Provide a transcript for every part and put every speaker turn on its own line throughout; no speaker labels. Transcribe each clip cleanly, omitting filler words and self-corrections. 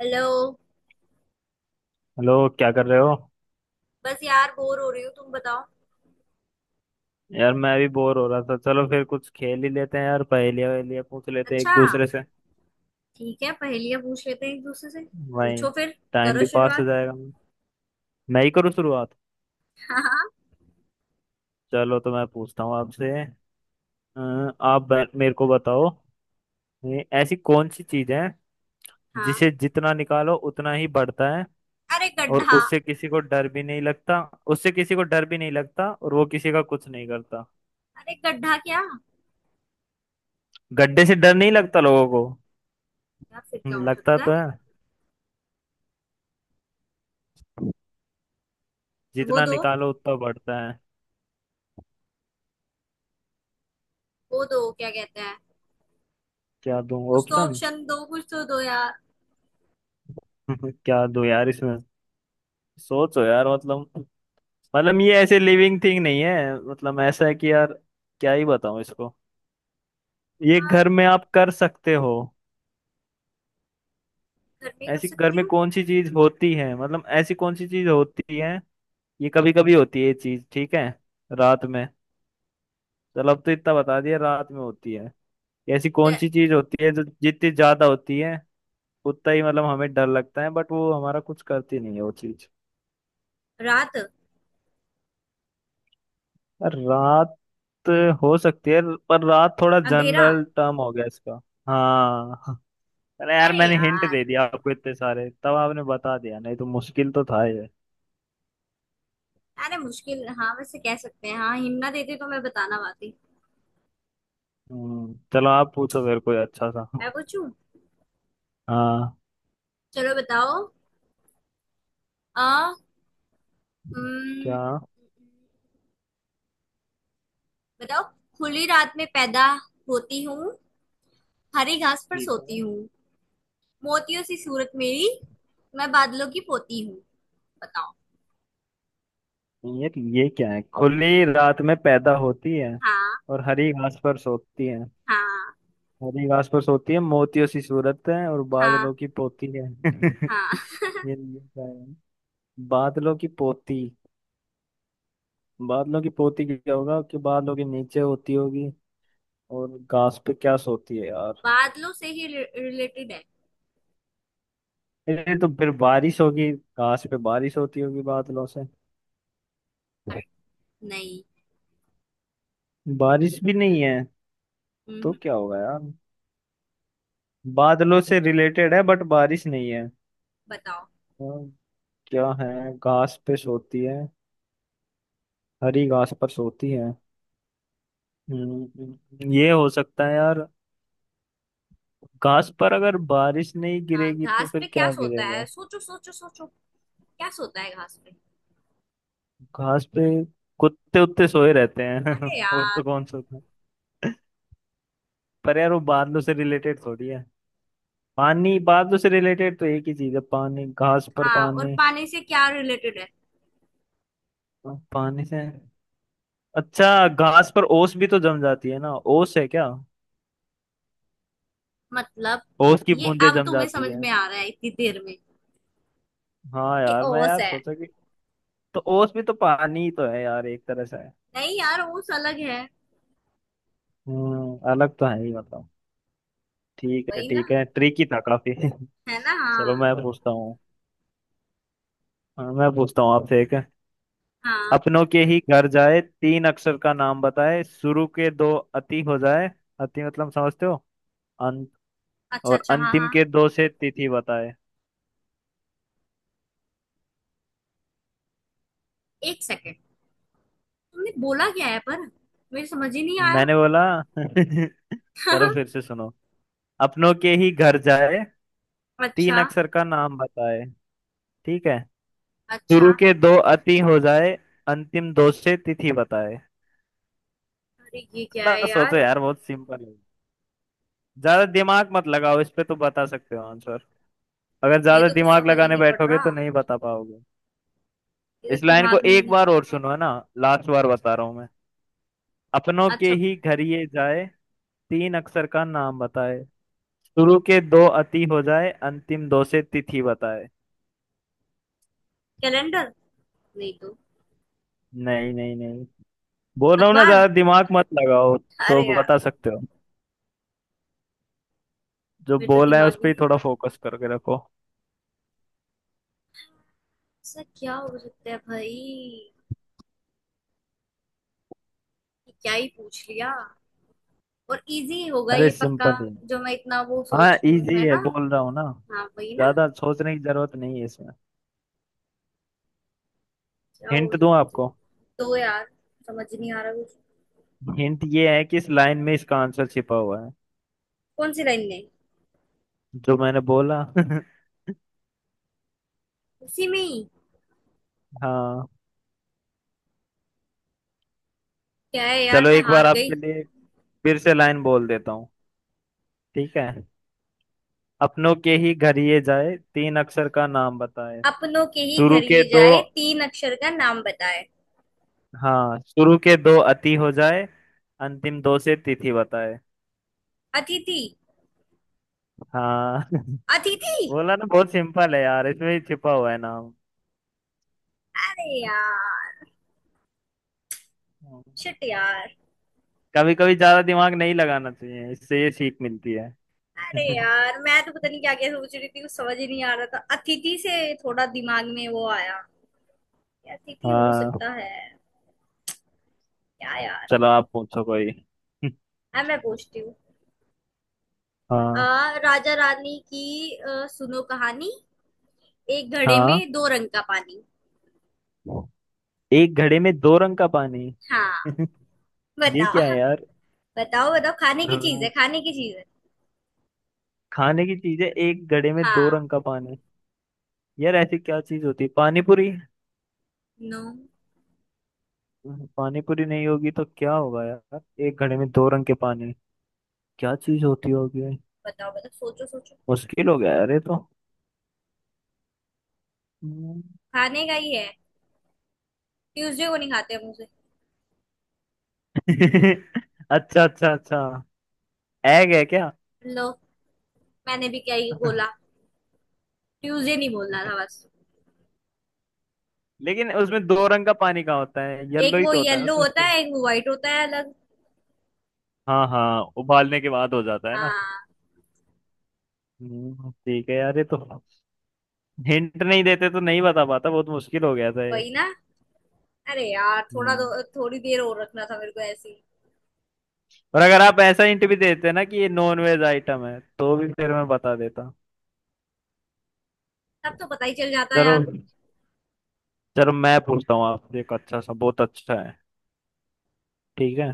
Hello.
Hello क्या कर रहे हो?
बस यार बोर हो रही हूँ, तुम बताओ।
यार मैं भी बोर हो रहा था। चलो फिर कुछ खेल ही लेते हैं। यार पहेलियां वहेलियां पूछ लेते हैं एक
अच्छा,
दूसरे से।
ठीक है, पहेलियां पूछ लेते हैं एक दूसरे से।
वही।
पूछो फिर।
टाइम
करो
भी पास हो
शुरुआत।
जाएगा। मैं ही करूँ शुरुआत?
हाँ हाँ।
चलो तो मैं पूछता हूँ आपसे। मेरे को बताओ। ये ऐसी कौन सी चीज है
हाँ।
जिसे जितना निकालो उतना ही बढ़ता है
अरे
और
गड्ढा।
उससे किसी को डर भी नहीं लगता। उससे किसी को डर भी नहीं लगता और वो किसी का कुछ नहीं करता।
अरे गड्ढा क्या।
गड्ढे से डर नहीं लगता लोगों को।
यार फिर क्या हो
लगता
सकता है।
तो है।
वो
जितना
दो,
निकालो उतना बढ़ता है।
वो दो क्या कहते हैं।
क्या दूं
कुछ तो
ऑप्शन?
ऑप्शन दो, कुछ तो दो यार।
क्या दूं यार इसमें। सोचो यार मतलब। मतलब ये ऐसे लिविंग थिंग नहीं है। मतलब ऐसा है कि यार क्या ही बताऊं इसको। ये
यार
घर में आप कर सकते हो।
घर में कर
ऐसी घर
सकती
में
हूँ।
कौन सी चीज होती है, मतलब ऐसी कौन सी चीज होती है? ये कभी कभी होती है ये चीज। ठीक है। रात में। चलो अब तो इतना बता दिया रात में होती है। ऐसी कौन
दे-
सी चीज होती है जो जितनी ज्यादा होती है उतना ही मतलब हमें डर लगता है बट वो हमारा कुछ करती नहीं है वो चीज।
रात।
रात हो सकती है। पर रात थोड़ा
अंधेरा।
जनरल टर्म हो गया इसका। हाँ। अरे यार
अरे
मैंने हिंट
यार,
दे दिया आपको इतने सारे तब आपने बता दिया, नहीं तो मुश्किल तो था ये।
अरे मुश्किल हाँ वैसे कह सकते हैं। हाँ हिम्मत देती तो मैं बताना पाती।
चलो आप पूछो मेरे को अच्छा सा।
मैं पूछूं
हाँ।
चलो बताओ। आ,
क्या?
बताओ। खुली रात में पैदा होती हूँ, हरी घास पर
ठीक
सोती
है।
हूँ, मोतियों सी सूरत मेरी, मैं बादलों की पोती हूँ। बताओ।
यार ये क्या है, खुली रात में पैदा होती है
हाँ।
और हरी घास पर सोती है।
हाँ।
हरी घास पर सोती है, मोतियों सी सूरत है और बादलों
हाँ।
की पोती है।
हाँ।
ये क्या है? बादलों की पोती। बादलों की पोती क्या होगा कि बादलों के नीचे होती होगी। और घास पे क्या सोती है यार।
बादलों से ही रिलेटेड है।
ये तो फिर बारिश होगी, घास पे बारिश होती होगी बादलों से।
अरे, नहीं।
बारिश भी नहीं है। तो
हम्म,
क्या होगा यार। बादलों से रिलेटेड है बट बारिश नहीं है।
बताओ।
और क्या है, घास पे सोती है, हरी घास पर सोती है। हम्म, ये हो सकता है यार। घास पर अगर बारिश नहीं
हाँ
गिरेगी तो
घास
फिर
पे क्या
क्या
सोता है
गिरेगा।
सोचो सोचो सोचो क्या सोता है घास पे
घास पे कुत्ते उत्ते सोए रहते हैं
अरे
और
यार
तो कौन सोता है। पर यार वो बादलों से रिलेटेड थोड़ी है। पानी बादलों से रिलेटेड तो एक ही चीज है पानी, घास पर
हाँ और
पानी।
पानी से क्या रिलेटेड है।
पानी से। अच्छा घास पर ओस भी तो जम जाती है ना, ओस है क्या?
मतलब
ओस की
ये
बूंदें
अब
जम
तुम्हें
जाती
समझ
है।
में आ रहा है इतनी देर में
हाँ
कि
यार, मैं
ओस
यार
है।
सोचा कि तो ओस भी तो पानी ही तो है यार, एक तरह से है।
नहीं यार, ओस अलग है।
अलग तो है ही मतलब। ठीक है,
वही ना,
ठीक है, ट्रिकी था काफी।
है ना।
चलो
हाँ।
मैं पूछता हूँ। हाँ, मैं पूछता हूँ आपसे एक।
हाँ।
अपनों के ही घर जाए, तीन अक्षर का नाम बताए, शुरू के दो अति हो जाए। अति मतलब समझते हो, अंत।
अच्छा
और
अच्छा, हाँ
अंतिम
हाँ।
के दो से तिथि बताए।
एक सेकेंड, तुमने बोला क्या है पर, मेरी समझ ही नहीं आया।
मैंने बोला। चलो फिर से सुनो। अपनों के ही घर जाए, तीन
अच्छा।
अक्षर का नाम बताए। ठीक है।
अच्छा।
शुरू के दो अति हो जाए, अंतिम दो से तिथि बताए।
अरे ये क्या है
थोड़ा सोचो
यार।
यार, बहुत सिंपल है। ज्यादा दिमाग मत लगाओ इस पे तो बता सकते हो आंसर। अगर
ये
ज्यादा
तो कुछ
दिमाग
समझ ही
लगाने
नहीं पड़
बैठोगे
रहा,
तो नहीं बता पाओगे।
ये
इस
तो
लाइन को
दिमाग में ही
एक
नहीं।
बार और सुनो है ना। लास्ट बार बता रहा हूं मैं। अपनों के
अच्छा।
ही घर ये जाए, तीन अक्षर का नाम बताए, शुरू के दो अति हो जाए, अंतिम दो से तिथि बताए।
कैलेंडर। नहीं तो।
नहीं, नहीं, नहीं, बोल रहा हूँ ना
अखबार।
ज्यादा दिमाग मत लगाओ तो
अरे यार,
बता सकते हो। जो
मेरे तो
बोल रहे हैं उस
दिमाग ही
पर ही
नहीं आ
थोड़ा
रहा।
फोकस करके रखो।
ऐसा क्या हो सकता है भाई ये, क्या ही पूछ लिया, और इजी होगा
अरे
ये पक्का।
सिंपल है।
जो मैं इतना वो
हाँ
सोच रही हूँ,
इजी
है
है,
ना।
बोल रहा हूँ ना।
हाँ वही ना।
ज्यादा सोचने की जरूरत नहीं है इसमें।
क्या हो
हिंट दूं
सकता है।
आपको?
तो यार समझ नहीं आ रहा कुछ।
हिंट ये है कि इस लाइन में इसका आंसर छिपा हुआ है।
कौन सी लाइन में?
जो मैंने बोला।
उसी में ही?
हाँ।
क्या है यार,
चलो
मैं
एक
हार
बार
गई।
आपके लिए फिर से लाइन बोल देता हूँ। ठीक है। अपनों के ही घर ये जाए, तीन अक्षर का नाम बताए,
अपनों के ही
शुरू
घर
के
ये
दो।
जाए, तीन अक्षर का नाम बताए।
हाँ, शुरू के दो अति हो जाए, अंतिम दो से तिथि बताए।
अतिथि।
हाँ।
अतिथि।
बोला ना, बहुत सिंपल है यार, इसमें ही छिपा हुआ है नाम।
अरे यार शिट यार।
कभी कभी ज्यादा दिमाग नहीं लगाना चाहिए, इससे ये सीख मिलती है।
अरे यार मैं तो पता नहीं क्या क्या सोच रही थी, कुछ समझ ही नहीं आ रहा था। अतिथि से थोड़ा दिमाग में वो आया कि अतिथि हो
हाँ,
सकता है। क्या यार।
चलो आप पूछो कोई।
अब मैं पूछती हूँ। आ,
हाँ,
राजा रानी की सुनो कहानी, एक घड़े
हाँ।
में दो रंग का पानी।
एक घड़े में दो रंग का पानी।
हाँ।
ये
बताओ।
क्या है
बताओ बताओ, खाने की चीज
यार?
है, खाने की चीज है।
खाने की चीज है एक घड़े में दो रंग
हाँ।
का पानी। यार ऐसी क्या चीज होती है, पानी पूरी?
नो।
पानी पूरी नहीं होगी तो क्या होगा यार। एक घड़े में दो रंग के पानी। क्या चीज होती होगी?
बताओ बताओ, सोचो सोचो।
मुश्किल हो गया यार ये तो। हम्म।
खाने का ही है। ट्यूसडे को नहीं खाते हम उसे।
अच्छा, अच्छा, अच्छा, एग है क्या?
लो, मैंने भी क्या ही बोला, ट्यूसडे नहीं बोलना था बस।
लेकिन उसमें दो रंग का पानी कहाँ होता है, येलो
एक
ही
वो
तो होता है
येलो
उसमें से।
होता है, एक वो व्हाइट होता है अलग।
हाँ, हाँ, उबालने के बाद हो जाता है ना।
हाँ।
ठीक है यार ये तो। हिंट नहीं देते तो नहीं बता पाता, बहुत मुश्किल हो गया था ये।
वही ना। अरे यार थोड़ा
हम्म,
तो थोड़ी देर और रखना था मेरे को ऐसे ही।
और अगर आप ऐसा हिंट भी देते ना कि ये नॉन वेज आइटम है तो भी फिर मैं बता देता।
तब तो पता ही चल जाता
चलो।
यार।
चलो मैं पूछता हूँ आपसे एक अच्छा सा, बहुत अच्छा है। ठीक है।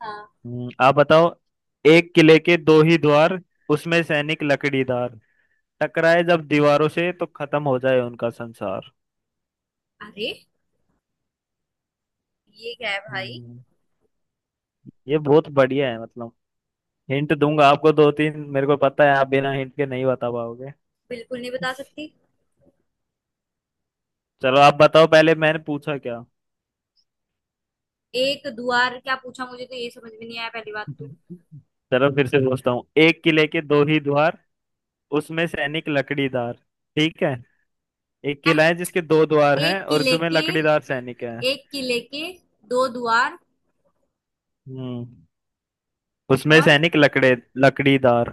हाँ।
आप बताओ। एक किले के दो ही द्वार, उसमें सैनिक लकड़ीदार, टकराए जब दीवारों से तो खत्म हो जाए उनका संसार।
अरे ये क्या है भाई।
हम्म, ये बहुत बढ़िया है मतलब। हिंट दूंगा आपको दो तीन, मेरे को पता है आप बिना हिंट के नहीं बता पाओगे।
बिल्कुल नहीं बता सकती।
चलो आप बताओ पहले मैंने पूछा क्या।
एक द्वार क्या पूछा, मुझे तो ये समझ में नहीं आया पहली बात तो।
चलो फिर से पूछता हूँ, एक किले के दो ही द्वार, उसमें सैनिक लकड़ीदार। ठीक है। एक
आह,
किला है जिसके दो द्वार हैं
एक
और
किले
उसमें
के,
लकड़ीदार सैनिक है।
एक किले के दो द्वार,
हम्म उसमें
और
सैनिक लकड़े लकड़ीदार।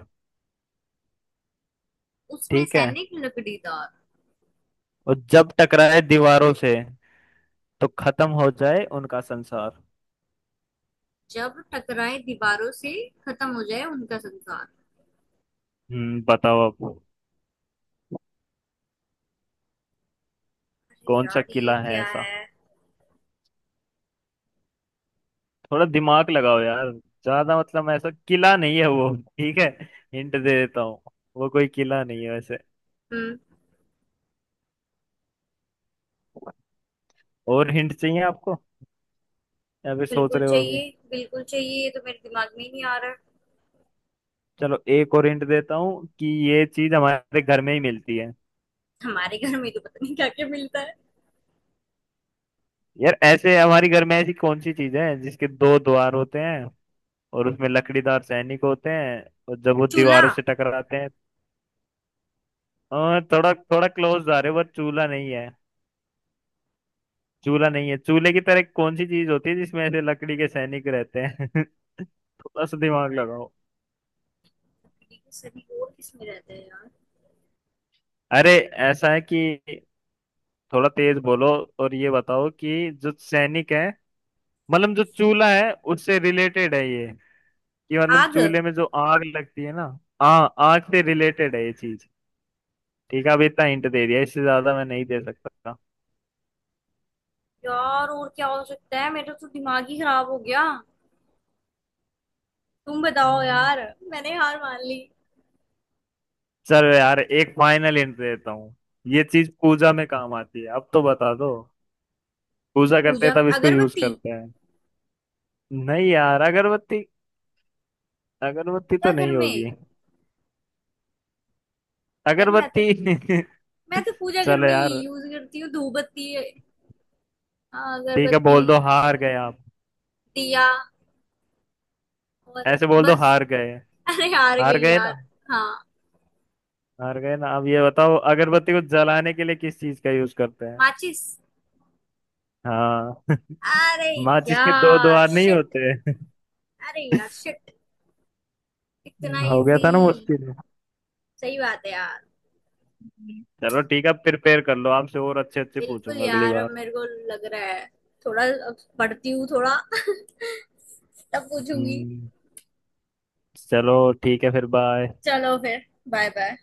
उसमें
ठीक है,
सैनिक लकड़ीदार।
और जब टकराए दीवारों से तो खत्म हो जाए उनका संसार।
जब टकराए दीवारों से, खत्म हो जाए उनका संसार।
बताओ अब।
अरे
कौन सा
यार ये
किला है
क्या
ऐसा,
है।
थोड़ा दिमाग लगाओ यार। ज्यादा मतलब ऐसा किला नहीं है वो। ठीक है, हिंट दे देता हूँ। वो कोई किला नहीं है वैसे।
हम्म।
और हिंट चाहिए आपको या फिर सोच
बिल्कुल
रहे हो अभी?
चाहिए, बिल्कुल चाहिए, ये तो मेरे दिमाग में ही नहीं आ रहा।
चलो एक और हिंट देता हूँ कि ये चीज हमारे घर में ही मिलती है।
हमारे घर में तो पता नहीं क्या क्या मिलता है।
यार ऐसे हमारी घर में ऐसी कौन सी चीज है जिसके दो द्वार होते हैं और उसमें लकड़ीदार सैनिक होते हैं और जब वो
चूल्हा।
दीवारों से टकराते हैं। थोड़ा थोड़ा क्लोज आ रहे हो, पर चूल्हा नहीं है। चूल्हा नहीं है, चूल्हे की तरह कौन सी चीज होती है जिसमें ऐसे लकड़ी के सैनिक रहते हैं? थोड़ा सा दिमाग लगाओ।
अरे ये सभी और किसमें रहते हैं यार।
अरे, ऐसा है कि थोड़ा तेज बोलो, और ये बताओ कि जो सैनिक है, मतलब जो चूल्हा है उससे रिलेटेड है ये, कि मतलब
आग।
चूल्हे में जो आग लगती है ना। आ आग से रिलेटेड है ये चीज। ठीक है अब इतना हिंट दे दिया, इससे ज्यादा मैं नहीं दे सकता।
यार और क्या हो सकता है, मेरा तो दिमाग ही खराब हो गया। तुम बताओ
हम्म,
यार, मैंने हार मान ली।
चलो यार एक फाइनल हिंट देता हूँ। ये चीज पूजा में काम आती है, अब तो बता दो। पूजा करते
पूजा
हैं
में
तब इसको यूज
अगरबत्ती।
करते हैं। नहीं यार अगरबत्ती, अगरबत्ती
पूजा
तो
घर
नहीं
में।
होगी।
यार मैं
अगरबत्ती।
तो, मैं तो पूजा घर
चलो
में ये
यार।
यूज करती हूँ, धूपबत्ती। हाँ
ठीक है,
अगरबत्ती।
बोल दो हार गए आप।
दिया। और।
ऐसे बोल दो
बस।
हार गए।
अरे हार
हार
गई
गए ना।
यार। हाँ।
हार गए ना, अब ये बताओ अगरबत्ती को जलाने के लिए किस चीज का यूज करते हैं?
माचिस।
हाँ।
अरे
माचिस के दो
यार
द्वार नहीं
शिट,
होते।
अरे यार शिट, इतना
हो गया
इजी।
था ना मुश्किल।
सही बात है यार।
चलो ठीक है, प्रिपेयर कर लो, आपसे और अच्छे अच्छे
बिल्कुल
पूछूंगा अगली
यार, अब
बार।
मेरे को लग रहा है थोड़ा, अब पढ़ती हूँ थोड़ा तब पूछूंगी।
हम्म चलो ठीक है फिर बाय।
चलो फिर, बाय बाय।